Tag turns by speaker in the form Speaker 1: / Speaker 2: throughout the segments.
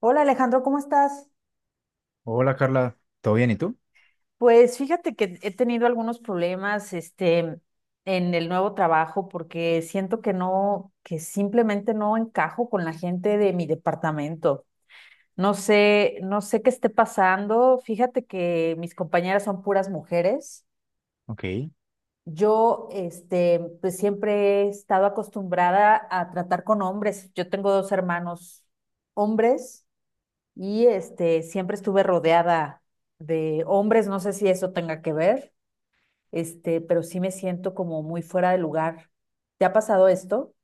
Speaker 1: Hola Alejandro, ¿cómo estás?
Speaker 2: Hola Carla, ¿todo bien? ¿Y tú?
Speaker 1: Pues fíjate que he tenido algunos problemas, este, en el nuevo trabajo porque siento que no, que simplemente no encajo con la gente de mi departamento. No sé qué esté pasando. Fíjate que mis compañeras son puras mujeres.
Speaker 2: Ok.
Speaker 1: Yo, este, pues siempre he estado acostumbrada a tratar con hombres. Yo tengo dos hermanos hombres. Y este, siempre estuve rodeada de hombres, no sé si eso tenga que ver, este, pero sí me siento como muy fuera de lugar. ¿Te ha pasado esto?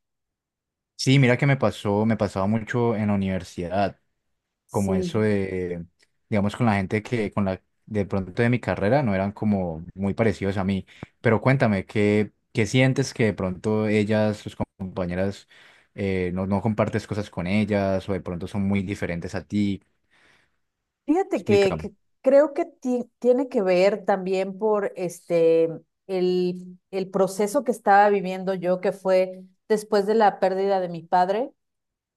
Speaker 2: Sí, mira que me pasó, me pasaba mucho en la universidad, como eso
Speaker 1: Sí,
Speaker 2: de, digamos, con la, de pronto de mi carrera, no eran como muy parecidos a mí. Pero cuéntame, ¿qué sientes que de pronto ellas, tus compañeras, no compartes cosas con ellas o de pronto son muy diferentes a ti?
Speaker 1: fíjate que
Speaker 2: Explícame.
Speaker 1: creo que tiene que ver también por este el proceso que estaba viviendo yo, que fue después de la pérdida de mi padre.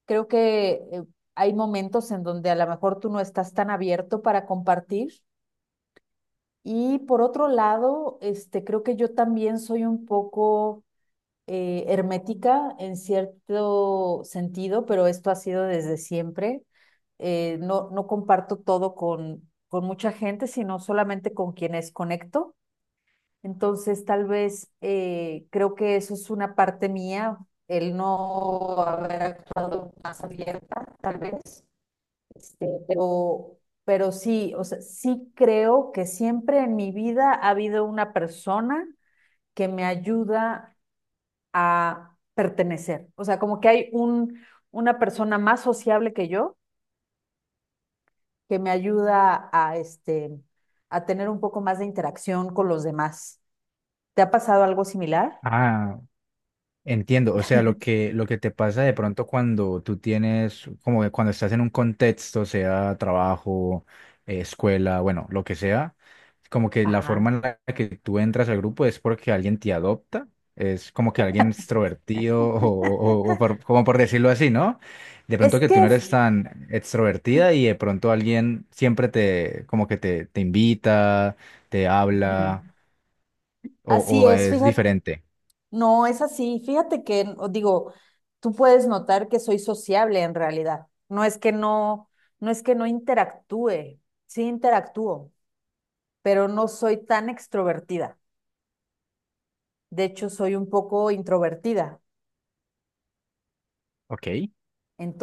Speaker 1: Creo que hay momentos en donde a lo mejor tú no estás tan abierto para compartir. Y por otro lado, este, creo que yo también soy un poco hermética en cierto sentido, pero esto ha sido desde siempre. No, no comparto todo con mucha gente, sino solamente con quienes conecto. Entonces, tal vez creo que eso es una parte mía, el no haber actuado más abierta, tal vez. Este, pero sí, o sea, sí creo que siempre en mi vida ha habido una persona que me ayuda a pertenecer. O sea, como que hay un, una persona más sociable que yo que me ayuda a, este, a tener un poco más de interacción con los demás. ¿Te ha pasado algo similar?
Speaker 2: Ah, Entiendo, o sea, lo que te pasa de pronto cuando tú tienes, como que cuando estás en un contexto, sea trabajo, escuela, bueno, lo que sea, como que la
Speaker 1: Ajá.
Speaker 2: forma en la que tú entras al grupo es porque alguien te adopta, es como que alguien extrovertido como por decirlo así, ¿no? De
Speaker 1: Es
Speaker 2: pronto que tú
Speaker 1: que
Speaker 2: no eres
Speaker 1: f-
Speaker 2: tan extrovertida y de pronto alguien siempre te, te invita, te
Speaker 1: ujú,
Speaker 2: habla o,
Speaker 1: así
Speaker 2: o
Speaker 1: es,
Speaker 2: es
Speaker 1: fíjate.
Speaker 2: diferente.
Speaker 1: No, es así. Fíjate que, o digo, tú puedes notar que soy sociable en realidad. No es que no interactúe, sí interactúo, pero no soy tan extrovertida. De hecho, soy un poco introvertida.
Speaker 2: Ok.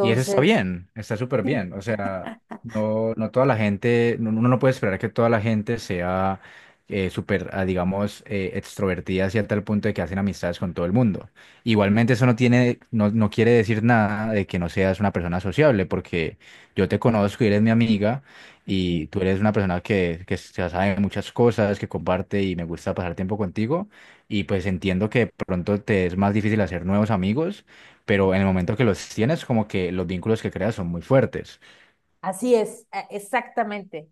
Speaker 2: Y eso está bien, está súper
Speaker 1: sí,
Speaker 2: bien. O sea, no toda la gente, no- uno no puede esperar que toda la gente sea súper, digamos, extrovertida hacia tal punto de que hacen amistades con todo el mundo. Igualmente eso no tiene, no quiere decir nada de que no seas una persona sociable, porque yo te conozco y eres mi amiga y
Speaker 1: sí.
Speaker 2: tú eres una persona que se sabe muchas cosas, que comparte y me gusta pasar tiempo contigo y pues entiendo que de pronto te es más difícil hacer nuevos amigos, pero en el momento que los tienes, como que los vínculos que creas son muy fuertes.
Speaker 1: Así es, exactamente.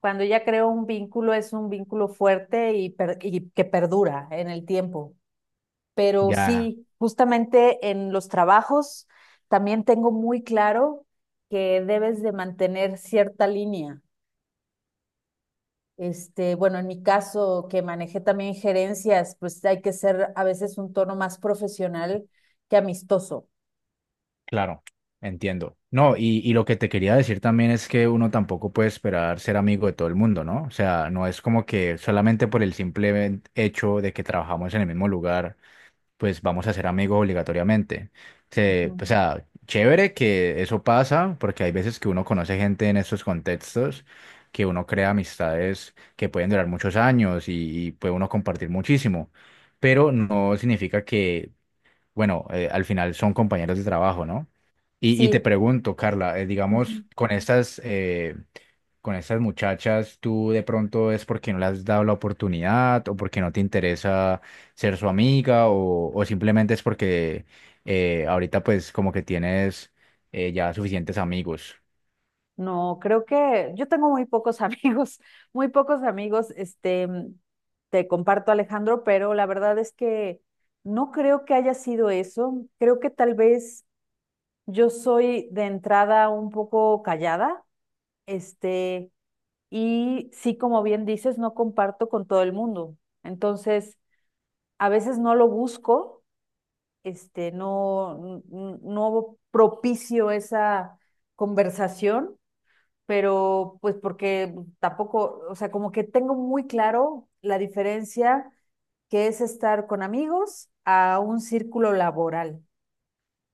Speaker 1: Cuando ya creo un vínculo, es un vínculo fuerte y, y que perdura en el tiempo. Pero
Speaker 2: Ya,
Speaker 1: sí, justamente en los trabajos también tengo muy claro que debes de mantener cierta línea. Este, bueno, en mi caso, que manejé también gerencias, pues hay que ser a veces un tono más profesional que amistoso.
Speaker 2: claro, entiendo. No, y lo que te quería decir también es que uno tampoco puede esperar ser amigo de todo el mundo, ¿no? O sea, no es como que solamente por el simple hecho de que trabajamos en el mismo lugar pues vamos a ser amigos obligatoriamente. Se-
Speaker 1: Ujú.
Speaker 2: o sea, chévere que eso pasa, porque hay veces que uno conoce gente en estos contextos, que uno crea amistades que pueden durar muchos años y puede uno compartir muchísimo, pero no significa que, bueno, al final son compañeros de trabajo, ¿no? Y te
Speaker 1: Sí.
Speaker 2: pregunto, Carla,
Speaker 1: Ujú.
Speaker 2: digamos, con estas muchachas, ¿tú de pronto es porque no le has dado la oportunidad o porque no te interesa ser su amiga o simplemente es porque ahorita pues como que tienes ya suficientes amigos?
Speaker 1: No, creo que yo tengo muy pocos amigos, muy pocos amigos, este, te comparto, Alejandro, pero la verdad es que no creo que haya sido eso. Creo que tal vez yo soy de entrada un poco callada, este, y sí, como bien dices, no comparto con todo el mundo. Entonces, a veces no lo busco, este, no, no propicio esa conversación, pero pues porque tampoco, o sea, como que tengo muy claro la diferencia que es estar con amigos a un círculo laboral.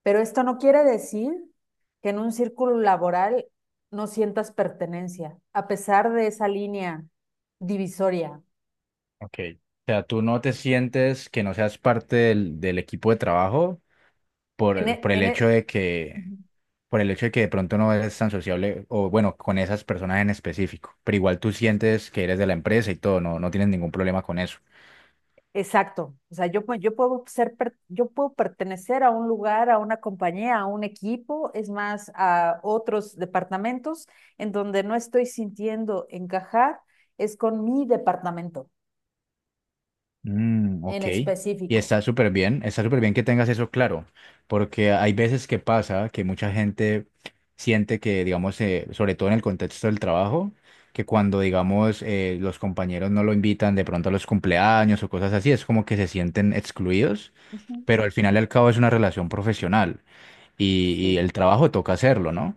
Speaker 1: Pero esto no quiere decir que en un círculo laboral no sientas pertenencia, a pesar de esa línea divisoria.
Speaker 2: Ok. O sea, ¿tú no te sientes que no seas parte del equipo de trabajo
Speaker 1: En,
Speaker 2: por,
Speaker 1: e-
Speaker 2: por el
Speaker 1: en
Speaker 2: hecho
Speaker 1: e-
Speaker 2: de que
Speaker 1: Ujú,
Speaker 2: por el hecho de que de pronto no eres tan sociable o bueno, con esas personas en específico, pero igual tú sientes que eres de la empresa y todo, no tienes ningún problema con eso.
Speaker 1: exacto. O sea, yo puedo yo puedo pertenecer a un lugar, a una compañía, a un equipo, es más, a otros departamentos en donde no estoy sintiendo encajar, es con mi departamento
Speaker 2: Mm,
Speaker 1: en
Speaker 2: ok. Y
Speaker 1: específico.
Speaker 2: está súper bien que tengas eso claro, porque hay veces que pasa que mucha gente siente que, digamos, sobre todo en el contexto del trabajo, que cuando, digamos, los compañeros no lo invitan de pronto a los cumpleaños o cosas así, es como que se sienten excluidos,
Speaker 1: Ujú.
Speaker 2: pero al final y al cabo es una relación profesional y
Speaker 1: Sí.
Speaker 2: el trabajo toca hacerlo, ¿no?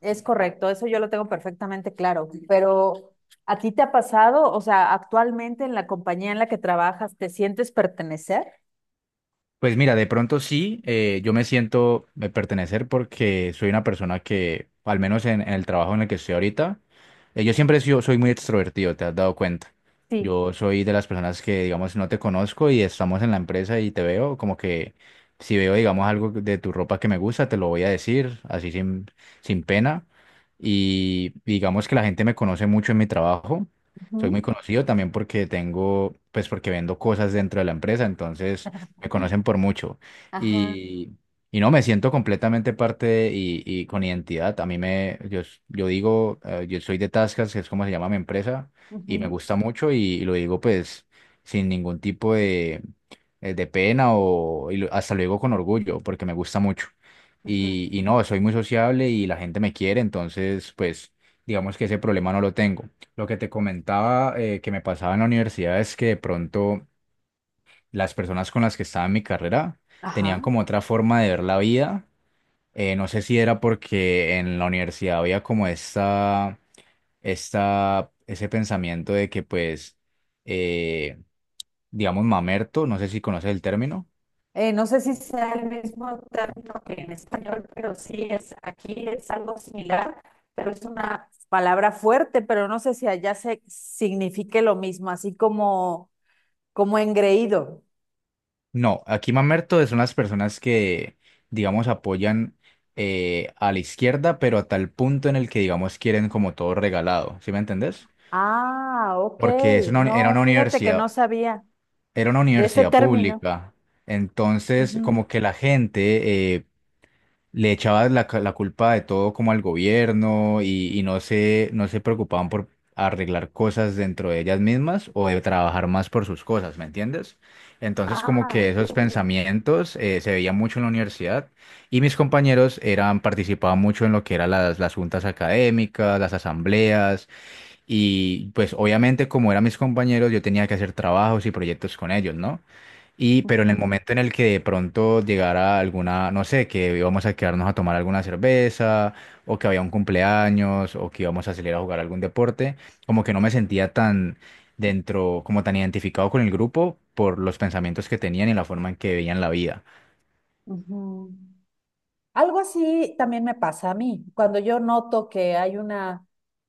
Speaker 1: Es correcto, eso yo lo tengo perfectamente claro, pero ¿a ti te ha pasado? O sea, actualmente en la compañía en la que trabajas, ¿te sientes pertenecer?
Speaker 2: Pues mira, de pronto sí, yo me siento de pertenecer porque soy una persona que, al menos en el trabajo en el que estoy ahorita, yo siempre he sido- soy muy extrovertido, te has dado cuenta.
Speaker 1: Sí.
Speaker 2: Yo soy de las personas que, digamos, no te conozco y estamos en la empresa y te veo, como que si veo, digamos, algo de tu ropa que me gusta, te lo voy a decir, así sin pena. Y digamos que la gente me conoce mucho en mi trabajo. Soy muy
Speaker 1: Ujú.
Speaker 2: conocido también porque tengo, pues porque vendo cosas dentro de la empresa, entonces me conocen por mucho.
Speaker 1: Ajá,
Speaker 2: Y, y no, me siento completamente parte de- y con identidad. A mí me, yo, s- yo digo, yo soy de Tascas, que es como se llama mi empresa, y me
Speaker 1: ujú,
Speaker 2: gusta mucho y lo digo pues sin ningún tipo de pena o y lo- hasta lo digo con orgullo, porque me gusta mucho.
Speaker 1: ajá,
Speaker 2: Y no, soy muy sociable y la gente me quiere, entonces pues digamos que ese problema no lo tengo. Lo que te comentaba que me pasaba en la universidad es que de pronto las personas con las que estaba en mi carrera tenían
Speaker 1: ajá.
Speaker 2: como otra forma de ver la vida. No sé si era porque en la universidad había como esta, ese pensamiento de que pues, eh, digamos, mamerto, no sé si conoces el término.
Speaker 1: No sé si sea el mismo término que en español, pero sí es, aquí es algo similar, pero es una palabra fuerte, pero no sé si allá se signifique lo mismo, así como, como engreído.
Speaker 2: No, aquí mamerto son las personas que, digamos, apoyan a la izquierda, pero a tal punto en el que, digamos, quieren como todo regalado, ¿sí me entendés?
Speaker 1: Ah, ok.
Speaker 2: Porque es una, uni- era
Speaker 1: No,
Speaker 2: una
Speaker 1: fíjate que no
Speaker 2: universidad.
Speaker 1: sabía
Speaker 2: Era una
Speaker 1: de ese
Speaker 2: universidad
Speaker 1: término.
Speaker 2: pública,
Speaker 1: Ujú.
Speaker 2: entonces como que la gente le echaba la, ca- la culpa de todo como al gobierno y no se preocupaban por arreglar cosas dentro de ellas mismas o de trabajar más por sus cosas, ¿me entiendes? Entonces como
Speaker 1: Ah,
Speaker 2: que esos
Speaker 1: entiendo.
Speaker 2: pensamientos se veían mucho en la universidad y mis compañeros eran, participaban mucho en lo que eran las juntas académicas, las asambleas y pues obviamente como eran mis compañeros yo tenía que hacer trabajos y proyectos con ellos, ¿no? Y, pero en el
Speaker 1: Ujú.
Speaker 2: momento en el que de pronto llegara alguna, no sé, que íbamos a quedarnos a tomar alguna cerveza, o que había un cumpleaños, o que íbamos a salir a jugar algún deporte, como que no me sentía tan dentro, como tan identificado con el grupo por los pensamientos que tenían y la forma en que veían la vida,
Speaker 1: Ujú. Algo así también me pasa a mí, cuando yo noto que hay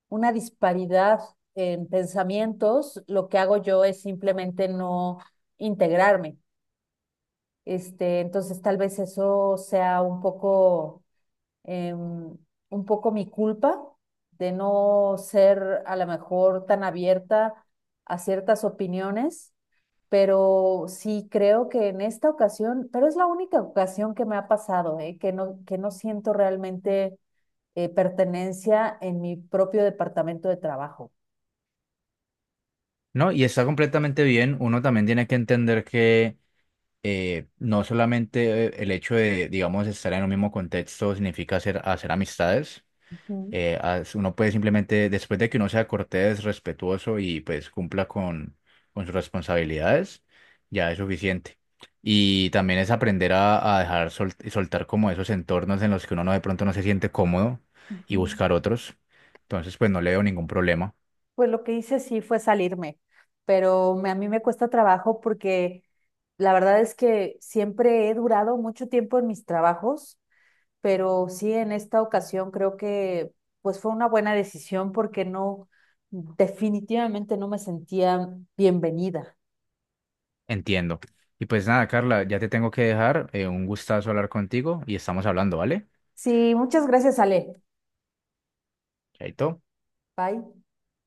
Speaker 1: una disparidad en pensamientos, lo que hago yo es simplemente no integrarme. Este, entonces tal vez eso sea un poco... em, un poco mi culpa de no ser a lo mejor tan abierta a ciertas opiniones, pero sí creo que en esta ocasión, pero es la única ocasión que me ha pasado, ¿eh? Que no siento realmente pertenencia en mi propio departamento de trabajo.
Speaker 2: ¿no? Y está completamente bien, uno también tiene que entender que no solamente el hecho de, digamos, estar en un mismo contexto significa hacer, hacer amistades.
Speaker 1: Ujú,
Speaker 2: Uno puede simplemente, después de que uno sea cortés, respetuoso y pues cumpla con sus responsabilidades, ya es suficiente. Y también es aprender a dejar sol- soltar como esos entornos en los que uno no, de pronto no se siente cómodo y
Speaker 1: ujú.
Speaker 2: buscar otros. Entonces, pues no le veo ningún problema.
Speaker 1: Pues lo que hice sí fue salirme, pero a mí me cuesta trabajo porque la verdad es que siempre he durado mucho tiempo en mis trabajos, pero sí en esta ocasión creo que pues fue una buena decisión porque no, definitivamente no me sentía bienvenida.
Speaker 2: Entiendo. Y pues nada, Carla, ya te tengo que dejar. Un gustazo hablar contigo y estamos hablando, ¿vale?
Speaker 1: Sí, muchas gracias, Ale.
Speaker 2: Chaito.
Speaker 1: Bye.